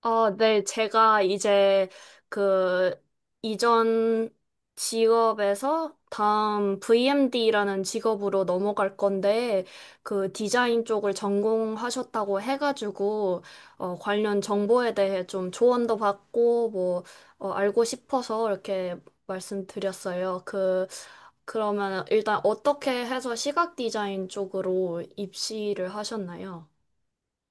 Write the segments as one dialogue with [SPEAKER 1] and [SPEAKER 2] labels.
[SPEAKER 1] 아, 네, 제가 이제 그 이전 직업에서 다음 VMD라는 직업으로 넘어갈 건데, 그 디자인 쪽을 전공하셨다고 해가지고, 관련 정보에 대해 좀 조언도 받고, 뭐, 알고 싶어서 이렇게 말씀드렸어요. 그러면 일단 어떻게 해서 시각 디자인 쪽으로 입시를 하셨나요?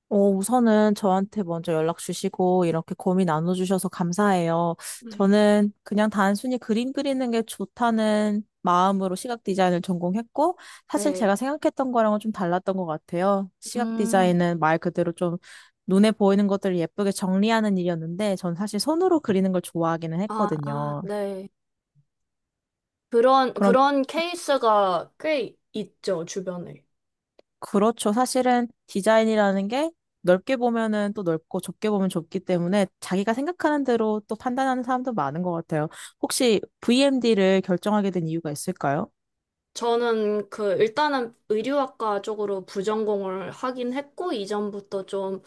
[SPEAKER 2] 우선은 저한테 먼저 연락 주시고 이렇게 고민 나눠주셔서 감사해요.
[SPEAKER 1] 네.
[SPEAKER 2] 저는 그냥 단순히 그림 그리는 게 좋다는 마음으로 시각 디자인을 전공했고 사실
[SPEAKER 1] 네.
[SPEAKER 2] 제가 생각했던 거랑은 좀 달랐던 것 같아요. 시각
[SPEAKER 1] 음.
[SPEAKER 2] 디자인은 말 그대로 좀 눈에 보이는 것들을 예쁘게 정리하는 일이었는데 전 사실 손으로 그리는 걸 좋아하기는
[SPEAKER 1] 아,
[SPEAKER 2] 했거든요.
[SPEAKER 1] 네. 그런,
[SPEAKER 2] 그럼
[SPEAKER 1] 그런 케이스가 꽤 있죠, 주변에.
[SPEAKER 2] 그렇죠. 사실은 디자인이라는 게 넓게 보면은 또 넓고 좁게 보면 좁기 때문에 자기가 생각하는 대로 또 판단하는 사람도 많은 것 같아요. 혹시 VMD를 결정하게 된 이유가 있을까요?
[SPEAKER 1] 저는 그 일단은 의류학과 쪽으로 부전공을 하긴 했고 이전부터 좀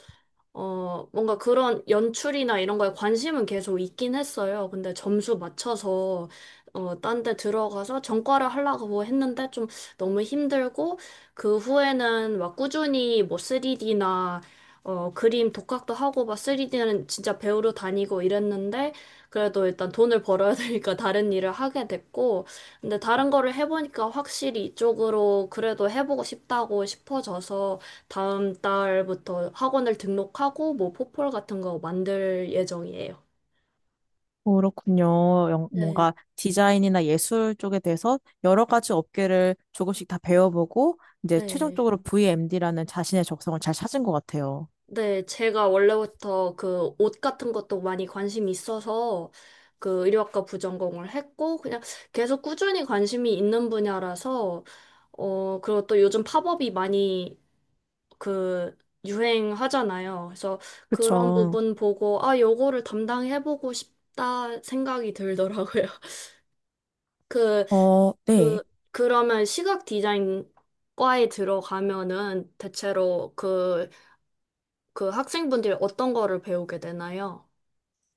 [SPEAKER 1] 뭔가 그런 연출이나 이런 거에 관심은 계속 있긴 했어요. 근데 점수 맞춰서, 딴 데 들어가서 전과를 하려고 했는데 좀 너무 힘들고, 그 후에는 막 꾸준히 뭐 3D나, 그림 독학도 하고, 막 3D는 진짜 배우러 다니고 이랬는데, 그래도 일단 돈을 벌어야 되니까 다른 일을 하게 됐고, 근데 다른 거를 해보니까 확실히 이쪽으로 그래도 해보고 싶다고 싶어져서 다음 달부터 학원을 등록하고 뭐 포폴 같은 거 만들 예정이에요.
[SPEAKER 2] 그렇군요.
[SPEAKER 1] 네,
[SPEAKER 2] 뭔가 디자인이나 예술 쪽에 대해서 여러 가지 업계를 조금씩 다 배워보고 이제
[SPEAKER 1] 네.
[SPEAKER 2] 최종적으로 VMD라는 자신의 적성을 잘 찾은 것 같아요.
[SPEAKER 1] 네, 제가 원래부터 그 옷 같은 것도 많이 관심이 있어서 그 의류학과 부전공을 했고 그냥 계속 꾸준히 관심이 있는 분야라서 그리고 또 요즘 팝업이 많이 그 유행하잖아요. 그래서 그런
[SPEAKER 2] 그쵸.
[SPEAKER 1] 부분 보고 아, 요거를 담당해보고 싶다 생각이 들더라고요. 그,
[SPEAKER 2] 어, 네.
[SPEAKER 1] 그, 그러면 시각 디자인 과에 들어가면은 대체로 그 학생분들이 어떤 거를 배우게 되나요?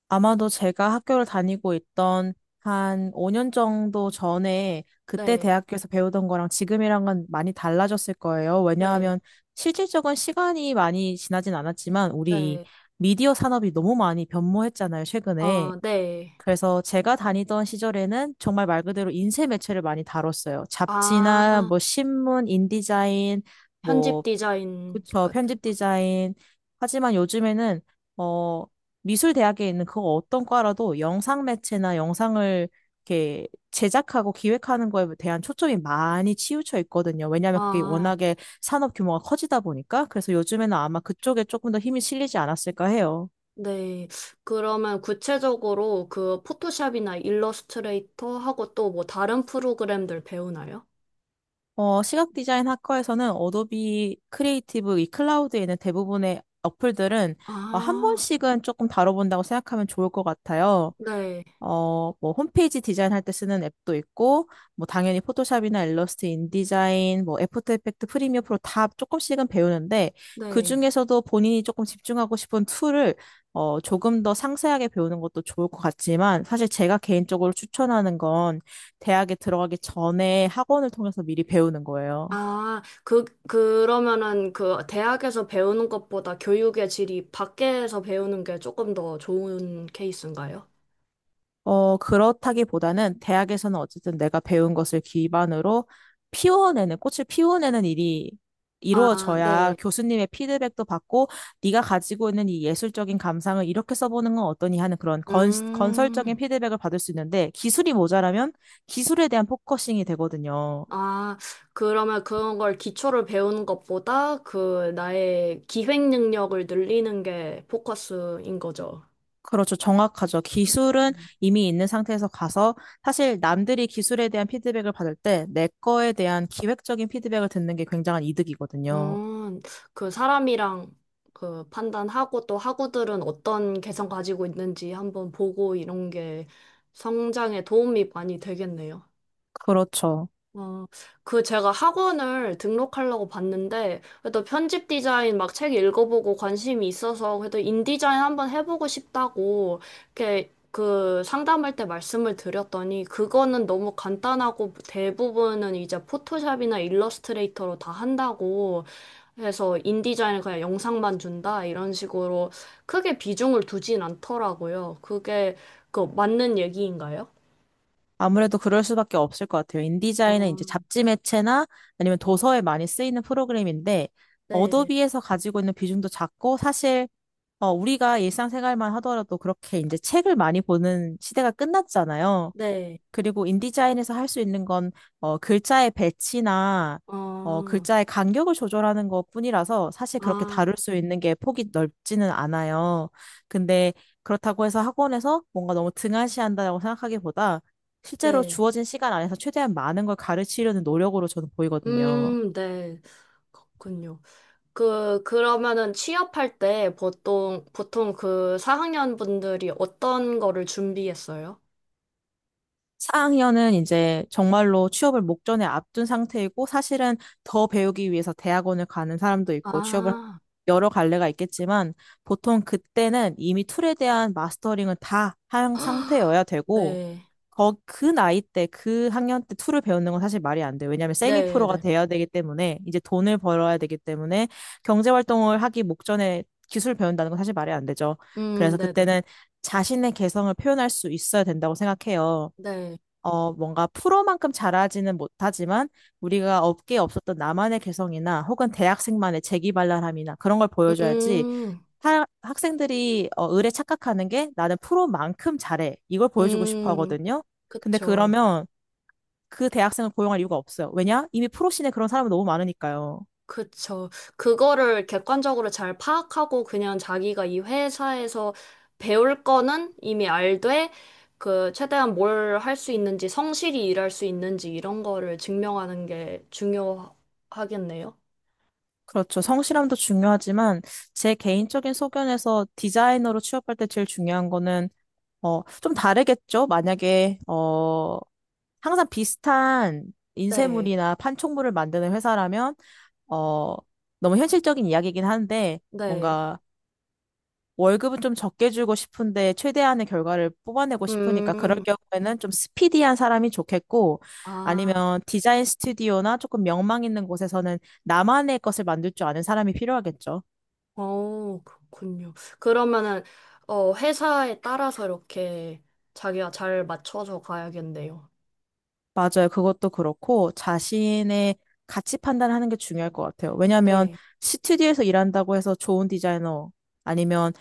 [SPEAKER 2] 아마도 제가 학교를 다니고 있던 한 5년 정도 전에 그때
[SPEAKER 1] 네,
[SPEAKER 2] 대학교에서 배우던 거랑 지금이랑은 많이 달라졌을 거예요.
[SPEAKER 1] 네,
[SPEAKER 2] 왜냐하면 실질적인 시간이 많이 지나진 않았지만 우리 이
[SPEAKER 1] 네,
[SPEAKER 2] 미디어 산업이 너무 많이 변모했잖아요, 최근에.
[SPEAKER 1] 어, 네.
[SPEAKER 2] 그래서 제가 다니던 시절에는 정말 말 그대로 인쇄 매체를 많이 다뤘어요.
[SPEAKER 1] 아,
[SPEAKER 2] 잡지나 뭐 신문, 인디자인,
[SPEAKER 1] 편집
[SPEAKER 2] 뭐
[SPEAKER 1] 디자인
[SPEAKER 2] 그쵸.
[SPEAKER 1] 같은
[SPEAKER 2] 편집
[SPEAKER 1] 거.
[SPEAKER 2] 디자인. 하지만 요즘에는, 어, 미술 대학에 있는 그 어떤 과라도 영상 매체나 영상을 이렇게 제작하고 기획하는 거에 대한 초점이 많이 치우쳐 있거든요. 왜냐하면 그게
[SPEAKER 1] 아.
[SPEAKER 2] 워낙에 산업 규모가 커지다 보니까. 그래서 요즘에는 아마 그쪽에 조금 더 힘이 실리지 않았을까 해요.
[SPEAKER 1] 네. 그러면 구체적으로 그 포토샵이나 일러스트레이터하고 또 뭐 다른 프로그램들 배우나요?
[SPEAKER 2] 시각 디자인 학과에서는 어도비 크리에이티브 이 클라우드에 있는 대부분의 어플들은 한
[SPEAKER 1] 아,
[SPEAKER 2] 번씩은 조금 다뤄본다고 생각하면 좋을 것 같아요.
[SPEAKER 1] 네.
[SPEAKER 2] 어, 뭐 홈페이지 디자인할 때 쓰는 앱도 있고 뭐 당연히 포토샵이나 일러스트, 인디자인, 뭐 애프터 이펙트, 프리미어 프로 다 조금씩은 배우는데
[SPEAKER 1] 네.
[SPEAKER 2] 그중에서도 본인이 조금 집중하고 싶은 툴을 조금 더 상세하게 배우는 것도 좋을 것 같지만 사실 제가 개인적으로 추천하는 건 대학에 들어가기 전에 학원을 통해서 미리 배우는 거예요.
[SPEAKER 1] 아, 그러면은 그 대학에서 배우는 것보다 교육의 질이 밖에서 배우는 게 조금 더 좋은 케이스인가요?
[SPEAKER 2] 그렇다기보다는 대학에서는 어쨌든 내가 배운 것을 기반으로 꽃을 피워내는 일이
[SPEAKER 1] 아,
[SPEAKER 2] 이루어져야
[SPEAKER 1] 네.
[SPEAKER 2] 교수님의 피드백도 받고 네가 가지고 있는 이 예술적인 감상을 이렇게 써보는 건 어떠니 하는 건설적인
[SPEAKER 1] 음.
[SPEAKER 2] 피드백을 받을 수 있는데 기술이 모자라면 기술에 대한 포커싱이 되거든요.
[SPEAKER 1] 아, 그러면 그런 걸 기초를 배우는 것보다 그 나의 기획 능력을 늘리는 게 포커스인 거죠.
[SPEAKER 2] 그렇죠. 정확하죠. 기술은 이미 있는 상태에서 가서 사실 남들이 기술에 대한 피드백을 받을 때 내 거에 대한 기획적인 피드백을 듣는 게 굉장한 이득이거든요.
[SPEAKER 1] 음, 그 사람이랑 그 판단하고 또 학우들은 어떤 개성 가지고 있는지 한번 보고 이런 게 성장에 도움이 많이 되겠네요.
[SPEAKER 2] 그렇죠.
[SPEAKER 1] 어, 그 제가 학원을 등록하려고 봤는데, 그래도 편집 디자인 막 책 읽어보고 관심이 있어서, 그래도 인디자인 한번 해보고 싶다고, 이렇게 그 상담할 때 말씀을 드렸더니, 그거는 너무 간단하고 대부분은 이제 포토샵이나 일러스트레이터로 다 한다고 해서 인디자인을 그냥 영상만 준다, 이런 식으로 크게 비중을 두진 않더라고요. 그게 그 맞는 얘기인가요?
[SPEAKER 2] 아무래도 그럴 수밖에 없을 것 같아요.
[SPEAKER 1] 어,
[SPEAKER 2] 인디자인은 이제 잡지 매체나 아니면 도서에 많이 쓰이는 프로그램인데,
[SPEAKER 1] 네,
[SPEAKER 2] 어도비에서 가지고 있는 비중도 작고, 사실 우리가 일상생활만 하더라도 그렇게 이제 책을 많이 보는 시대가 끝났잖아요.
[SPEAKER 1] 네.
[SPEAKER 2] 그리고 인디자인에서 할 수 있는 건 글자의 배치나
[SPEAKER 1] 아,
[SPEAKER 2] 글자의 간격을 조절하는 것뿐이라서 사실 그렇게
[SPEAKER 1] 아,
[SPEAKER 2] 다룰 수 있는 게 폭이 넓지는 않아요. 근데 그렇다고 해서 학원에서 뭔가 너무 등한시한다고 생각하기보다 실제로
[SPEAKER 1] 네.
[SPEAKER 2] 주어진 시간 안에서 최대한 많은 걸 가르치려는 노력으로 저는 보이거든요.
[SPEAKER 1] 네. 그렇군요. 그러면은 취업할 때 보통 그 4학년 분들이 어떤 거를 준비했어요?
[SPEAKER 2] 4학년은 이제 정말로 취업을 목전에 앞둔 상태이고 사실은 더 배우기 위해서 대학원을 가는 사람도 있고 취업을
[SPEAKER 1] 아,
[SPEAKER 2] 여러 갈래가 있겠지만 보통 그때는 이미 툴에 대한 마스터링은 다 한 상태여야 되고
[SPEAKER 1] 네.
[SPEAKER 2] 거, 그 나이 때, 그 학년 때 툴을 배우는 건 사실 말이 안 돼요. 왜냐하면 세미
[SPEAKER 1] 네,
[SPEAKER 2] 프로가
[SPEAKER 1] 네.
[SPEAKER 2] 돼야 되기 때문에 이제 돈을 벌어야 되기 때문에 경제 활동을 하기 목전에 기술 배운다는 건 사실 말이 안 되죠. 그래서
[SPEAKER 1] 네, 네.
[SPEAKER 2] 그때는 자신의 개성을 표현할 수 있어야 된다고 생각해요.
[SPEAKER 1] 네.
[SPEAKER 2] 어, 뭔가 프로만큼 잘하지는 못하지만 우리가 업계에 없었던 나만의 개성이나 혹은 대학생만의 재기발랄함이나 그런 걸 보여줘야지
[SPEAKER 1] 음,
[SPEAKER 2] 학생들이 을에 착각하는 게 나는 프로만큼 잘해. 이걸 보여주고 싶어
[SPEAKER 1] 음,
[SPEAKER 2] 하거든요. 근데
[SPEAKER 1] 그쵸.
[SPEAKER 2] 그러면 그 대학생을 고용할 이유가 없어요. 왜냐? 이미 프로씬에 그런 사람은 너무 많으니까요.
[SPEAKER 1] 그쵸. 그거를 객관적으로 잘 파악하고 그냥 자기가 이 회사에서 배울 거는 이미 알되 그 최대한 뭘 할 수 있는지 성실히 일할 수 있는지 이런 거를 증명하는 게 중요하겠네요.
[SPEAKER 2] 그렇죠. 성실함도 중요하지만 제 개인적인 소견에서 디자이너로 취업할 때 제일 중요한 거는 좀 다르겠죠? 만약에 항상 비슷한
[SPEAKER 1] 네.
[SPEAKER 2] 인쇄물이나 판촉물을 만드는 회사라면, 어, 너무 현실적인 이야기이긴 한데,
[SPEAKER 1] 네.
[SPEAKER 2] 뭔가 월급은 좀 적게 주고 싶은데, 최대한의 결과를 뽑아내고 싶으니까, 그럴
[SPEAKER 1] 음.
[SPEAKER 2] 경우에는 좀 스피디한 사람이 좋겠고,
[SPEAKER 1] 아.
[SPEAKER 2] 아니면 디자인 스튜디오나 조금 명망 있는 곳에서는 나만의 것을 만들 줄 아는 사람이 필요하겠죠.
[SPEAKER 1] 그렇군요. 그러면은 회사에 따라서 이렇게 자기가 잘 맞춰서 가야겠네요.
[SPEAKER 2] 맞아요. 그것도 그렇고 자신의 가치 판단을 하는 게 중요할 것 같아요. 왜냐하면
[SPEAKER 1] 네.
[SPEAKER 2] 스튜디오에서 일한다고 해서 좋은 디자이너 아니면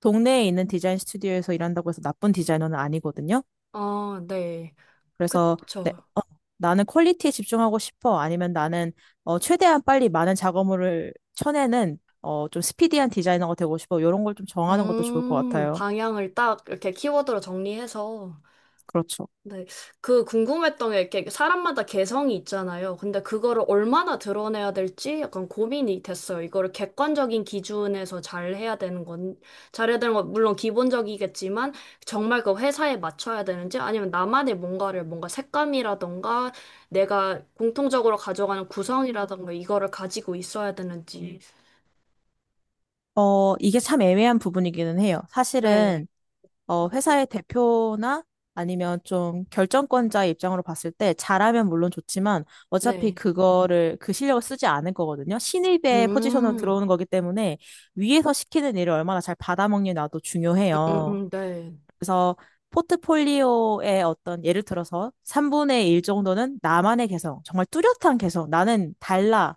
[SPEAKER 2] 동네에 있는 디자인 스튜디오에서 일한다고 해서 나쁜 디자이너는 아니거든요.
[SPEAKER 1] 아, 네.
[SPEAKER 2] 그래서 네,
[SPEAKER 1] 그쵸.
[SPEAKER 2] 어, 나는 퀄리티에 집중하고 싶어. 아니면 나는 최대한 빨리 많은 작업물을 쳐내는 좀 스피디한 디자이너가 되고 싶어. 이런 걸 좀 정하는 것도 좋을 것 같아요.
[SPEAKER 1] 방향을 딱 이렇게 키워드로 정리해서.
[SPEAKER 2] 그렇죠.
[SPEAKER 1] 네. 그 궁금했던 게 이렇게 사람마다 개성이 있잖아요. 근데 그거를 얼마나 드러내야 될지 약간 고민이 됐어요. 이거를 객관적인 기준에서 잘 해야 되는 건, 잘해야 되는 건 물론 기본적이겠지만 정말 그 회사에 맞춰야 되는지 아니면 나만의 뭔가 색감이라던가 내가 공통적으로 가져가는 구성이라던가 이거를 가지고 있어야 되는지.
[SPEAKER 2] 어, 이게 참 애매한 부분이기는 해요.
[SPEAKER 1] 네.
[SPEAKER 2] 사실은 회사의 대표나 아니면 좀 결정권자의 입장으로 봤을 때 잘하면 물론 좋지만 어차피
[SPEAKER 1] 네.
[SPEAKER 2] 그거를 그 실력을 쓰지 않을 거거든요.
[SPEAKER 1] 음,
[SPEAKER 2] 신입의 포지션으로
[SPEAKER 1] 음,
[SPEAKER 2] 들어오는 거기 때문에 위에서 시키는 일을 얼마나 잘 받아먹느냐도 중요해요.
[SPEAKER 1] 네.
[SPEAKER 2] 그래서 포트폴리오의 어떤 예를 들어서 3분의 1 정도는 나만의 개성, 정말 뚜렷한 개성, 나는 달라를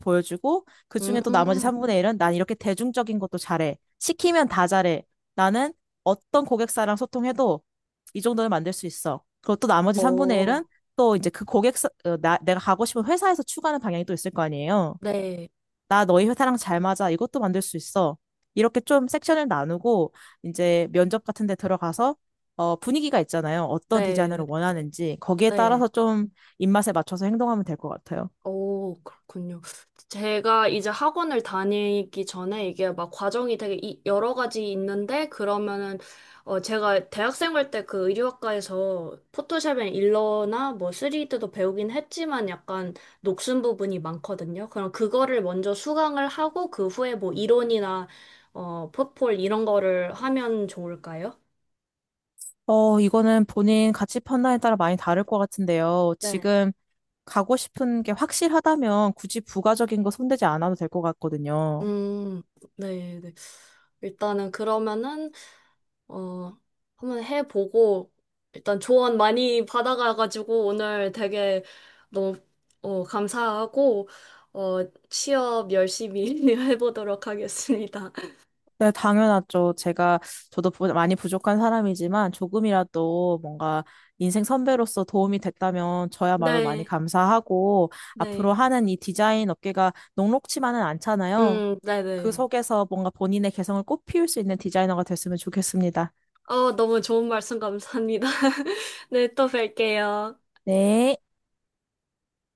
[SPEAKER 2] 보여주고 그중에 또 나머지
[SPEAKER 1] 음,
[SPEAKER 2] 3분의 1은 난 이렇게 대중적인 것도 잘해. 시키면 다 잘해. 나는 어떤 고객사랑 소통해도 이 정도는 만들 수 있어. 그리고 또 나머지 3분의 1은
[SPEAKER 1] 어,
[SPEAKER 2] 또 이제 내가 가고 싶은 회사에서 추구하는 방향이 또 있을 거 아니에요.
[SPEAKER 1] 네,
[SPEAKER 2] 나 너희 회사랑 잘 맞아. 이것도 만들 수 있어. 이렇게 좀 섹션을 나누고 이제 면접 같은 데 들어가서 어, 분위기가 있잖아요. 어떤 디자인을
[SPEAKER 1] 네,
[SPEAKER 2] 원하는지 거기에
[SPEAKER 1] 네.
[SPEAKER 2] 따라서 좀 입맛에 맞춰서 행동하면 될 것 같아요.
[SPEAKER 1] 오, 그렇군요. 제가 이제 학원을 다니기 전에 이게 막 과정이 되게 여러 가지 있는데, 그러면은, 제가 대학생 할 때 그 의류학과에서 포토샵이나 일러나 뭐 3D도 배우긴 했지만 약간 녹슨 부분이 많거든요. 그럼 그거를 먼저 수강을 하고, 그 후에 뭐 이론이나, 포폴 이런 거를 하면 좋을까요?
[SPEAKER 2] 어, 이거는 본인 가치 판단에 따라 많이 다를 것 같은데요.
[SPEAKER 1] 네.
[SPEAKER 2] 지금 가고 싶은 게 확실하다면 굳이 부가적인 거 손대지 않아도 될 것 같거든요.
[SPEAKER 1] 음, 네, 네. 일단은 그러면은, 어, 한번 해보고, 일단 조언 많이 받아가가지고, 오늘 되게 너무, 감사하고, 어, 취업 열심히 해보도록 하겠습니다.
[SPEAKER 2] 네, 당연하죠. 저도 많이 부족한 사람이지만 조금이라도 뭔가 인생 선배로서 도움이 됐다면 저야말로 많이
[SPEAKER 1] 네,
[SPEAKER 2] 감사하고 앞으로
[SPEAKER 1] 네.
[SPEAKER 2] 하는 이 디자인 업계가 녹록치만은 않잖아요. 그
[SPEAKER 1] 네네.
[SPEAKER 2] 속에서 뭔가 본인의 개성을 꽃피울 수 있는 디자이너가 됐으면 좋겠습니다.
[SPEAKER 1] 너무 좋은 말씀 감사합니다. 네, 또 뵐게요.
[SPEAKER 2] 네.